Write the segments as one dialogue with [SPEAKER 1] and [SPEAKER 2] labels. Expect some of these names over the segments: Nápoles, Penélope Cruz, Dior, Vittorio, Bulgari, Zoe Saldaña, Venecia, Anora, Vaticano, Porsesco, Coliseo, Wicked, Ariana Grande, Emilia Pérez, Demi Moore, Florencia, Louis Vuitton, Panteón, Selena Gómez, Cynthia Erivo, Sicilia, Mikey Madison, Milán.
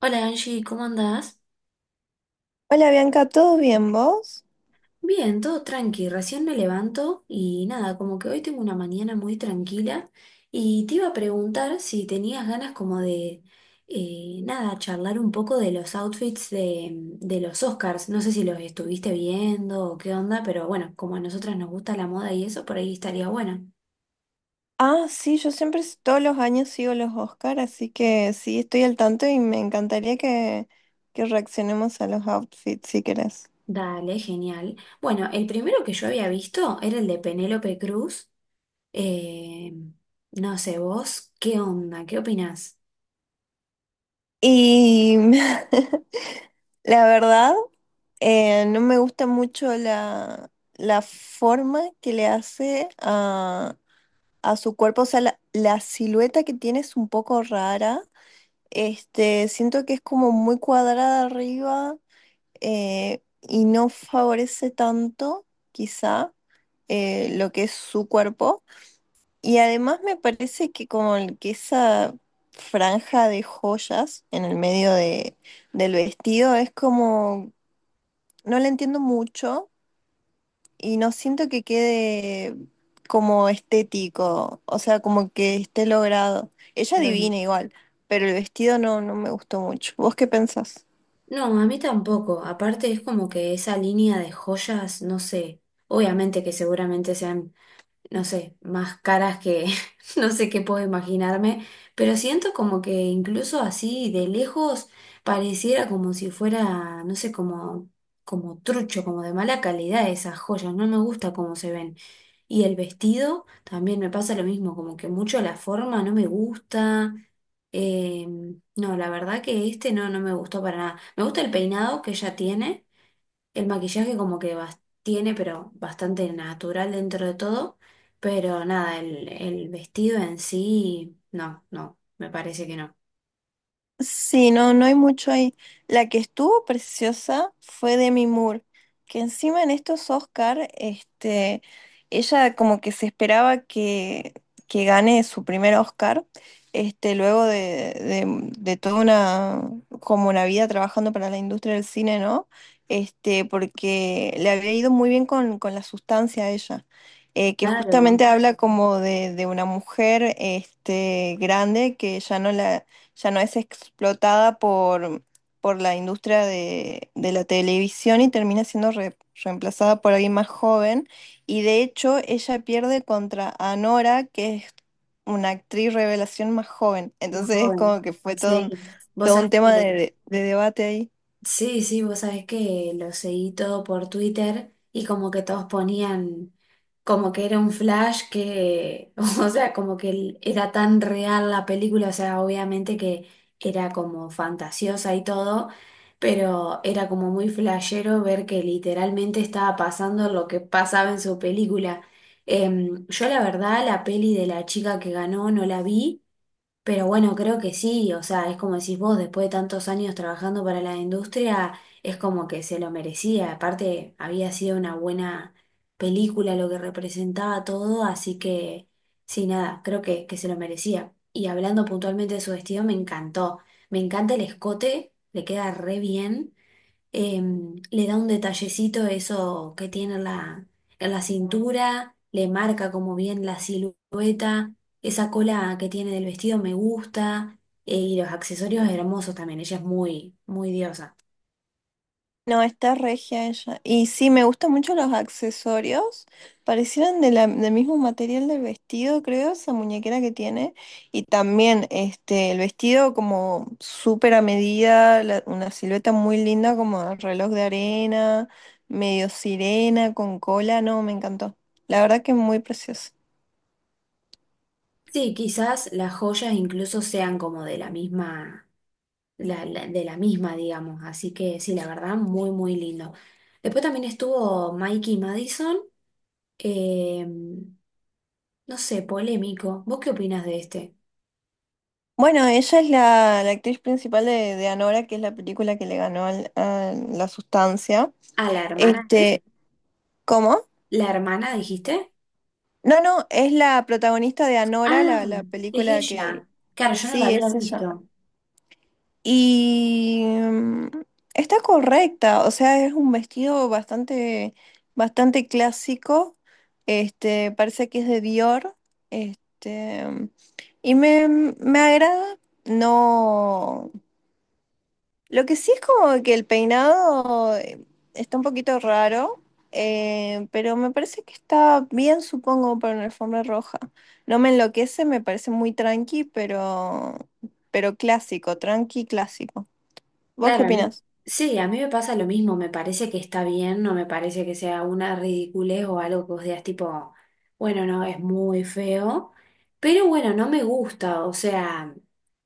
[SPEAKER 1] Hola Angie, ¿cómo andás?
[SPEAKER 2] Hola Bianca, ¿todo bien vos?
[SPEAKER 1] Bien, todo tranqui, recién me levanto y nada, como que hoy tengo una mañana muy tranquila y te iba a preguntar si tenías ganas como de, nada, charlar un poco de los outfits de los Oscars. No sé si los estuviste viendo o qué onda, pero bueno, como a nosotras nos gusta la moda y eso, por ahí estaría bueno.
[SPEAKER 2] Ah, sí, yo siempre todos los años sigo los Oscar, así que sí, estoy al tanto y me encantaría que reaccionemos a los outfits si querés.
[SPEAKER 1] Dale, genial. Bueno, el primero que yo había visto era el de Penélope Cruz. Eh, no sé, vos, ¿qué onda? ¿Qué opinás?
[SPEAKER 2] Y la verdad, no me gusta mucho la forma que le hace a su cuerpo, o sea, la silueta que tiene es un poco rara. Este, siento que es como muy cuadrada arriba y no favorece tanto, quizá, lo que es su cuerpo. Y además me parece que como que esa franja de joyas en el medio del vestido es como, no la entiendo mucho y no siento que quede como estético, o sea, como que esté logrado. Ella
[SPEAKER 1] Claro.
[SPEAKER 2] divina igual, pero el vestido no, no me gustó mucho. ¿Vos qué pensás?
[SPEAKER 1] No, a mí tampoco. Aparte es como que esa línea de joyas, no sé, obviamente que seguramente sean no sé, más caras que no sé qué puedo imaginarme, pero siento como que incluso así de lejos pareciera como si fuera, no sé, como, como trucho, como de mala calidad esas joyas, no me gusta cómo se ven. Y el vestido también me pasa lo mismo, como que mucho la forma no me gusta. eh, no, la verdad que este no, no me gustó para nada. Me gusta el peinado que ella tiene, el maquillaje como que tiene, pero bastante natural dentro de todo. Pero nada, el vestido en sí, no, no, me parece que no.
[SPEAKER 2] Sí, no, no hay mucho ahí. La que estuvo preciosa fue Demi Moore, que encima en estos Oscar, este, ella como que se esperaba que gane su primer Oscar, este, luego de toda una, como una vida trabajando para la industria del cine, ¿no? Este, porque le había ido muy bien con la sustancia a ella. Que
[SPEAKER 1] Claro,
[SPEAKER 2] justamente habla como de una mujer este, grande que ya no la, ya no es explotada por la industria de la televisión y termina siendo reemplazada por alguien más joven. Y de hecho, ella pierde contra Anora, que es una actriz revelación más joven.
[SPEAKER 1] más
[SPEAKER 2] Entonces es
[SPEAKER 1] joven.
[SPEAKER 2] como que fue
[SPEAKER 1] Sí, vos
[SPEAKER 2] todo
[SPEAKER 1] sabés
[SPEAKER 2] un
[SPEAKER 1] que
[SPEAKER 2] tema de debate ahí.
[SPEAKER 1] sí, sí, vos sabés que lo seguí todo por Twitter y como que todos ponían como que era un flash que, o sea, como que era tan real la película, o sea, obviamente que era como fantasiosa y todo, pero era como muy flashero ver que literalmente estaba pasando lo que pasaba en su película. Yo la verdad, la peli de la chica que ganó no la vi. Pero bueno, creo que sí, o sea, es como decís vos, después de tantos años trabajando para la industria, es como que se lo merecía. Aparte, había sido una buena película lo que representaba todo, así que sí, nada, creo que se lo merecía. Y hablando puntualmente de su vestido, me encantó. Me encanta el escote, le queda re bien. Le da un detallecito eso que tiene en la cintura, le marca como bien la silueta, esa cola que tiene del vestido me gusta, y los accesorios hermosos también, ella es muy, muy diosa.
[SPEAKER 2] No, está regia ella. Y sí, me gustan mucho los accesorios. Parecieran de del mismo material del vestido, creo, esa muñequera que tiene. Y también este, el vestido como súper a medida, una silueta muy linda como reloj de arena, medio sirena, con cola. No, me encantó. La verdad que muy precioso.
[SPEAKER 1] Sí, quizás las joyas incluso sean como de la misma, de la misma, digamos, así que sí, la verdad, muy, muy lindo. Después también estuvo Mikey Madison, em, no sé, polémico. ¿Vos qué opinas de este?
[SPEAKER 2] Bueno, ella es la, la actriz principal de Anora, que es la película que le ganó a la sustancia.
[SPEAKER 1] A la hermana.
[SPEAKER 2] Este, ¿cómo?
[SPEAKER 1] ¿La hermana dijiste?
[SPEAKER 2] No, no, es la protagonista de Anora,
[SPEAKER 1] Ah,
[SPEAKER 2] la
[SPEAKER 1] es
[SPEAKER 2] película que...
[SPEAKER 1] ella. Claro, yo no la
[SPEAKER 2] Sí,
[SPEAKER 1] había
[SPEAKER 2] es ella.
[SPEAKER 1] visto.
[SPEAKER 2] Y está correcta, o sea, es un vestido bastante, bastante clásico. Este, parece que es de Dior. Este, y me agrada. No. Lo que sí es como que el peinado está un poquito raro, pero me parece que está bien, supongo, para una alfombra roja. No me enloquece, me parece muy tranqui, pero clásico, tranqui clásico. ¿Vos qué
[SPEAKER 1] Claro, a mí.
[SPEAKER 2] opinás?
[SPEAKER 1] Sí, a mí me pasa lo mismo. Me parece que está bien, no me parece que sea una ridiculez o algo que vos digas tipo, bueno, no, es muy feo. Pero bueno, no me gusta. O sea,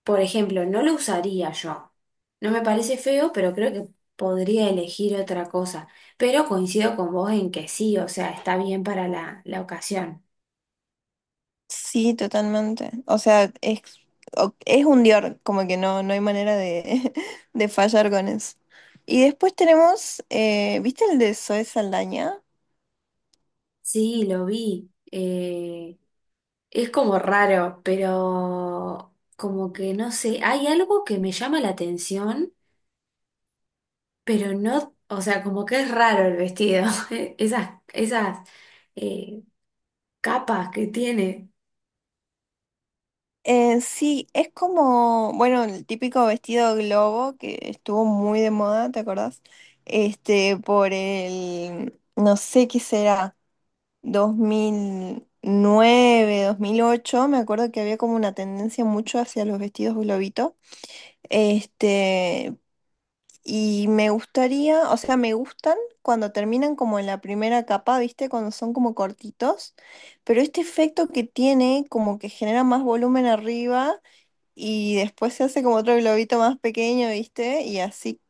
[SPEAKER 1] por ejemplo, no lo usaría yo. No me parece feo, pero creo que podría elegir otra cosa. Pero coincido con vos en que sí, o sea, está bien para la ocasión.
[SPEAKER 2] Sí, totalmente. O sea, es, es un Dior, como que no, no hay manera de, de fallar con eso. Y después tenemos, ¿viste el de Zoe Saldaña?
[SPEAKER 1] Sí, lo vi. Es como raro, pero como que no sé, hay algo que me llama la atención, pero no, o sea, como que es raro el vestido, esas eh, capas que tiene,
[SPEAKER 2] Sí, es como, bueno, el típico vestido globo que estuvo muy de moda, ¿te acordás? Este, por el, no sé qué será, 2009 2008, me acuerdo que había como una tendencia mucho hacia los vestidos globito. Este, y me gustaría, o sea, me gustan cuando terminan como en la primera capa, ¿viste? Cuando son como cortitos, pero este efecto que tiene como que genera más volumen arriba y después se hace como otro globito más pequeño, ¿viste? Y así,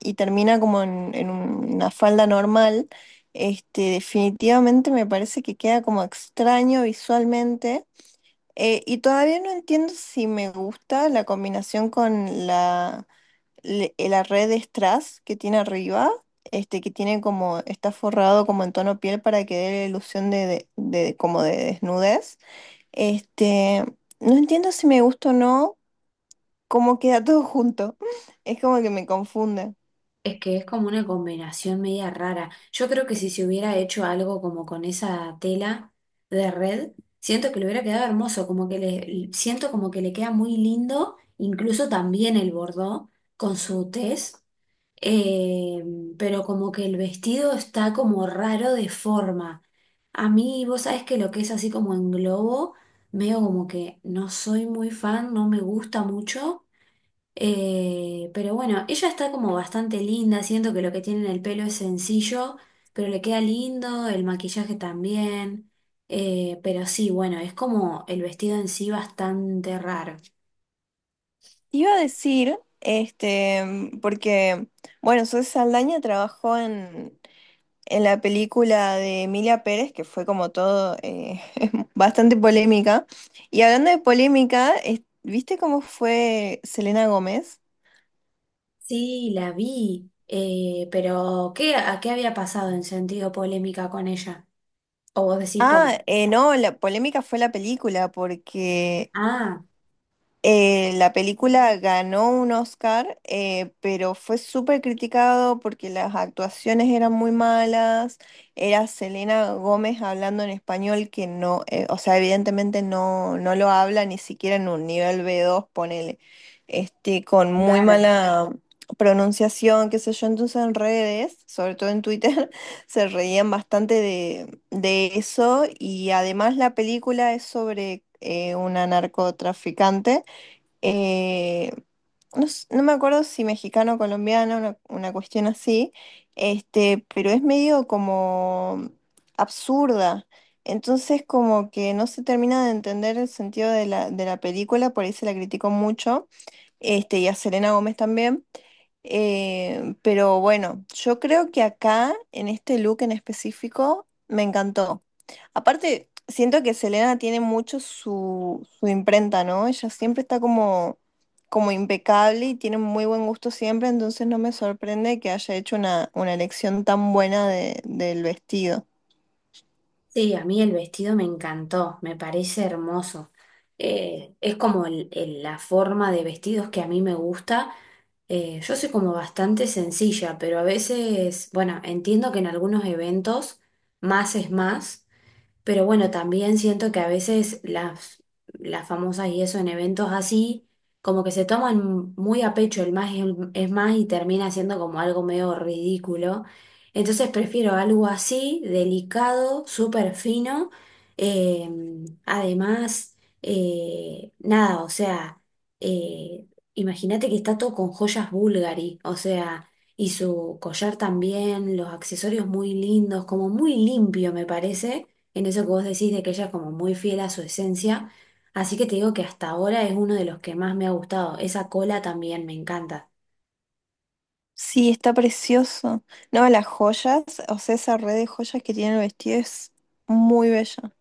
[SPEAKER 2] y termina como en una falda normal. Este, definitivamente me parece que queda como extraño visualmente. Y todavía no entiendo si me gusta la combinación con la, la red de strass que tiene arriba, este, que tiene como, está forrado como en tono piel para que dé la ilusión como de desnudez. Este, no entiendo si me gusta o no como queda todo junto. Es como que me confunde.
[SPEAKER 1] es que es como una combinación media rara. Yo creo que si se hubiera hecho algo como con esa tela de red, siento que le hubiera quedado hermoso, como que le, siento como que le queda muy lindo, incluso también el bordó con su tez. Eh, pero como que el vestido está como raro de forma. A mí, vos sabés que lo que es así como en globo, veo como que no soy muy fan, no me gusta mucho. Pero bueno, ella está como bastante linda, siento que lo que tiene en el pelo es sencillo, pero le queda lindo, el maquillaje también. Pero sí, bueno, es como el vestido en sí bastante raro.
[SPEAKER 2] Te Iba a decir, este, porque, bueno, Zoe Saldaña trabajó en la película de Emilia Pérez, que fue como todo bastante polémica. Y hablando de polémica, ¿viste cómo fue Selena Gómez?
[SPEAKER 1] Sí, la vi, pero ¿qué, a qué había pasado en sentido polémica con ella? O vos decís por...
[SPEAKER 2] Ah, no, la polémica fue la película, porque
[SPEAKER 1] Ah,
[SPEAKER 2] eh, la película ganó un Oscar, pero fue súper criticado porque las actuaciones eran muy malas. Era Selena Gómez hablando en español que no, o sea, evidentemente no, no lo habla ni siquiera en un nivel B2, ponele, este, con muy
[SPEAKER 1] claro.
[SPEAKER 2] mala pronunciación, qué sé yo. Entonces en redes, sobre todo en Twitter, se reían bastante de eso y además la película es sobre una narcotraficante eh, no me acuerdo si mexicano o colombiano, una cuestión así, este, pero es medio como absurda. Entonces como que no se termina de entender el sentido de de la película, por ahí se la criticó mucho, este, y a Selena Gómez también. Pero bueno, yo creo que acá, en este look en específico, me encantó. Aparte, siento que Selena tiene mucho su, su imprenta, ¿no? Ella siempre está como, como impecable y tiene muy buen gusto siempre, entonces no me sorprende que haya hecho una elección tan buena de- del vestido.
[SPEAKER 1] Sí, a mí el vestido me encantó, me parece hermoso. Es como la forma de vestidos que a mí me gusta. Yo soy como bastante sencilla, pero a veces, bueno, entiendo que en algunos eventos más es más. Pero bueno, también siento que a veces las famosas y eso en eventos así, como que se toman muy a pecho el más es más y termina siendo como algo medio ridículo. Entonces prefiero algo así, delicado, súper fino. eh, además, Nada, o sea, eh, imagínate que está todo con joyas Bulgari, o sea, y su collar también, los accesorios muy lindos, como muy limpio me parece en eso que vos decís de que ella es como muy fiel a su esencia. Así que te digo que hasta ahora es uno de los que más me ha gustado. Esa cola también me encanta.
[SPEAKER 2] Sí, está precioso. No, las joyas, o sea, esa red de joyas que tiene el vestido es muy bella.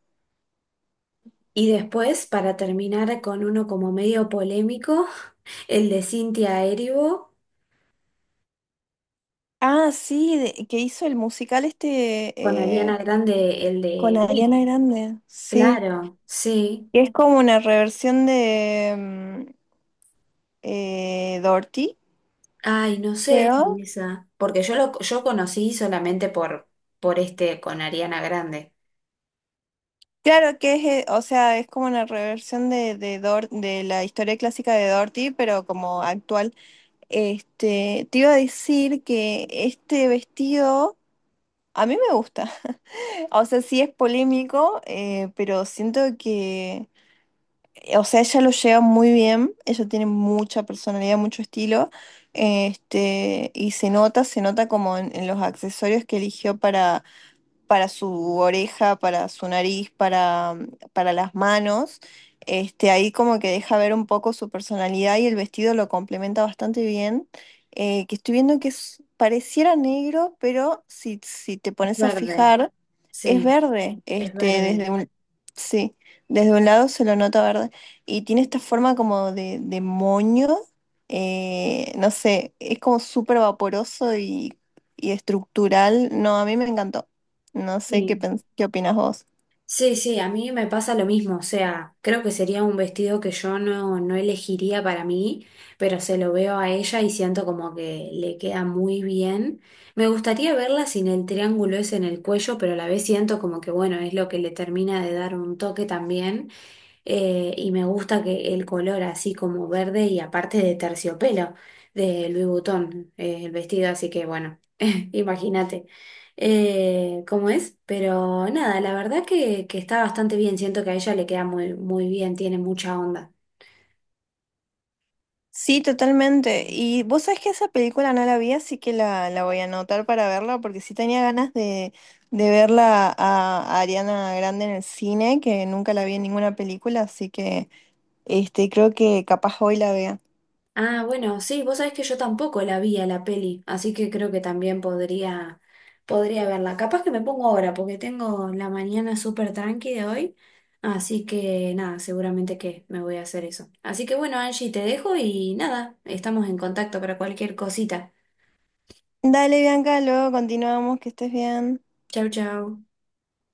[SPEAKER 1] Y después, para terminar con uno como medio polémico, el de Cynthia Erivo
[SPEAKER 2] Ah, sí, que hizo el musical este
[SPEAKER 1] con
[SPEAKER 2] eh,
[SPEAKER 1] Ariana Grande, el
[SPEAKER 2] con
[SPEAKER 1] de Wicked.
[SPEAKER 2] Ariana Grande, sí.
[SPEAKER 1] Claro, sí.
[SPEAKER 2] Que es como una reversión de, Dorothy,
[SPEAKER 1] Ay, no sé,
[SPEAKER 2] creo.
[SPEAKER 1] esa. Porque yo conocí solamente por este con Ariana Grande.
[SPEAKER 2] Claro que es, o sea, es como una reversión de la historia clásica de Dorothy, pero como actual. Este, te iba a decir que este vestido a mí me gusta. O sea, sí es polémico, pero siento que, o sea, ella lo lleva muy bien, ella tiene mucha personalidad, mucho estilo, este, y se nota como en los accesorios que eligió para su oreja, para su nariz, para las manos. Este, ahí como que deja ver un poco su personalidad y el vestido lo complementa bastante bien. Que estoy viendo que pareciera negro, pero si te pones a
[SPEAKER 1] Verde,
[SPEAKER 2] fijar, es
[SPEAKER 1] sí,
[SPEAKER 2] verde.
[SPEAKER 1] es
[SPEAKER 2] Este,
[SPEAKER 1] verde.
[SPEAKER 2] desde un, sí, desde un lado se lo nota verde. Y tiene esta forma como de moño. No sé, es como súper vaporoso y estructural. No, a mí me encantó. No sé qué,
[SPEAKER 1] Sí.
[SPEAKER 2] qué opinas vos.
[SPEAKER 1] Sí, sí, a mí me pasa lo mismo, o sea, creo que sería un vestido que yo no, no elegiría para mí, pero se lo veo a ella y siento como que le queda muy bien. Me gustaría verla sin el triángulo ese en el cuello, pero a la vez siento como que bueno, es lo que le termina de dar un toque también. Y me gusta que el color así como verde y aparte de terciopelo de Louis Vuitton, el vestido, así que bueno, imagínate cómo es, pero nada, la verdad que está bastante bien, siento que a ella le queda muy, muy bien, tiene mucha onda.
[SPEAKER 2] Sí, totalmente. Y vos sabés que esa película no la vi, así que la voy a anotar para verla, porque sí tenía ganas de verla a Ariana Grande en el cine, que nunca la vi en ninguna película, así que este, creo que capaz hoy la vea.
[SPEAKER 1] Ah, bueno, sí, vos sabés que yo tampoco la vi a la peli, así que creo que también podría, podría verla. Capaz que me pongo ahora, porque tengo la mañana súper tranqui de hoy, así que nada, seguramente que me voy a hacer eso. Así que bueno, Angie, te dejo y nada, estamos en contacto para cualquier cosita.
[SPEAKER 2] Dale, Bianca, luego continuamos, que estés bien.
[SPEAKER 1] Chau, chau.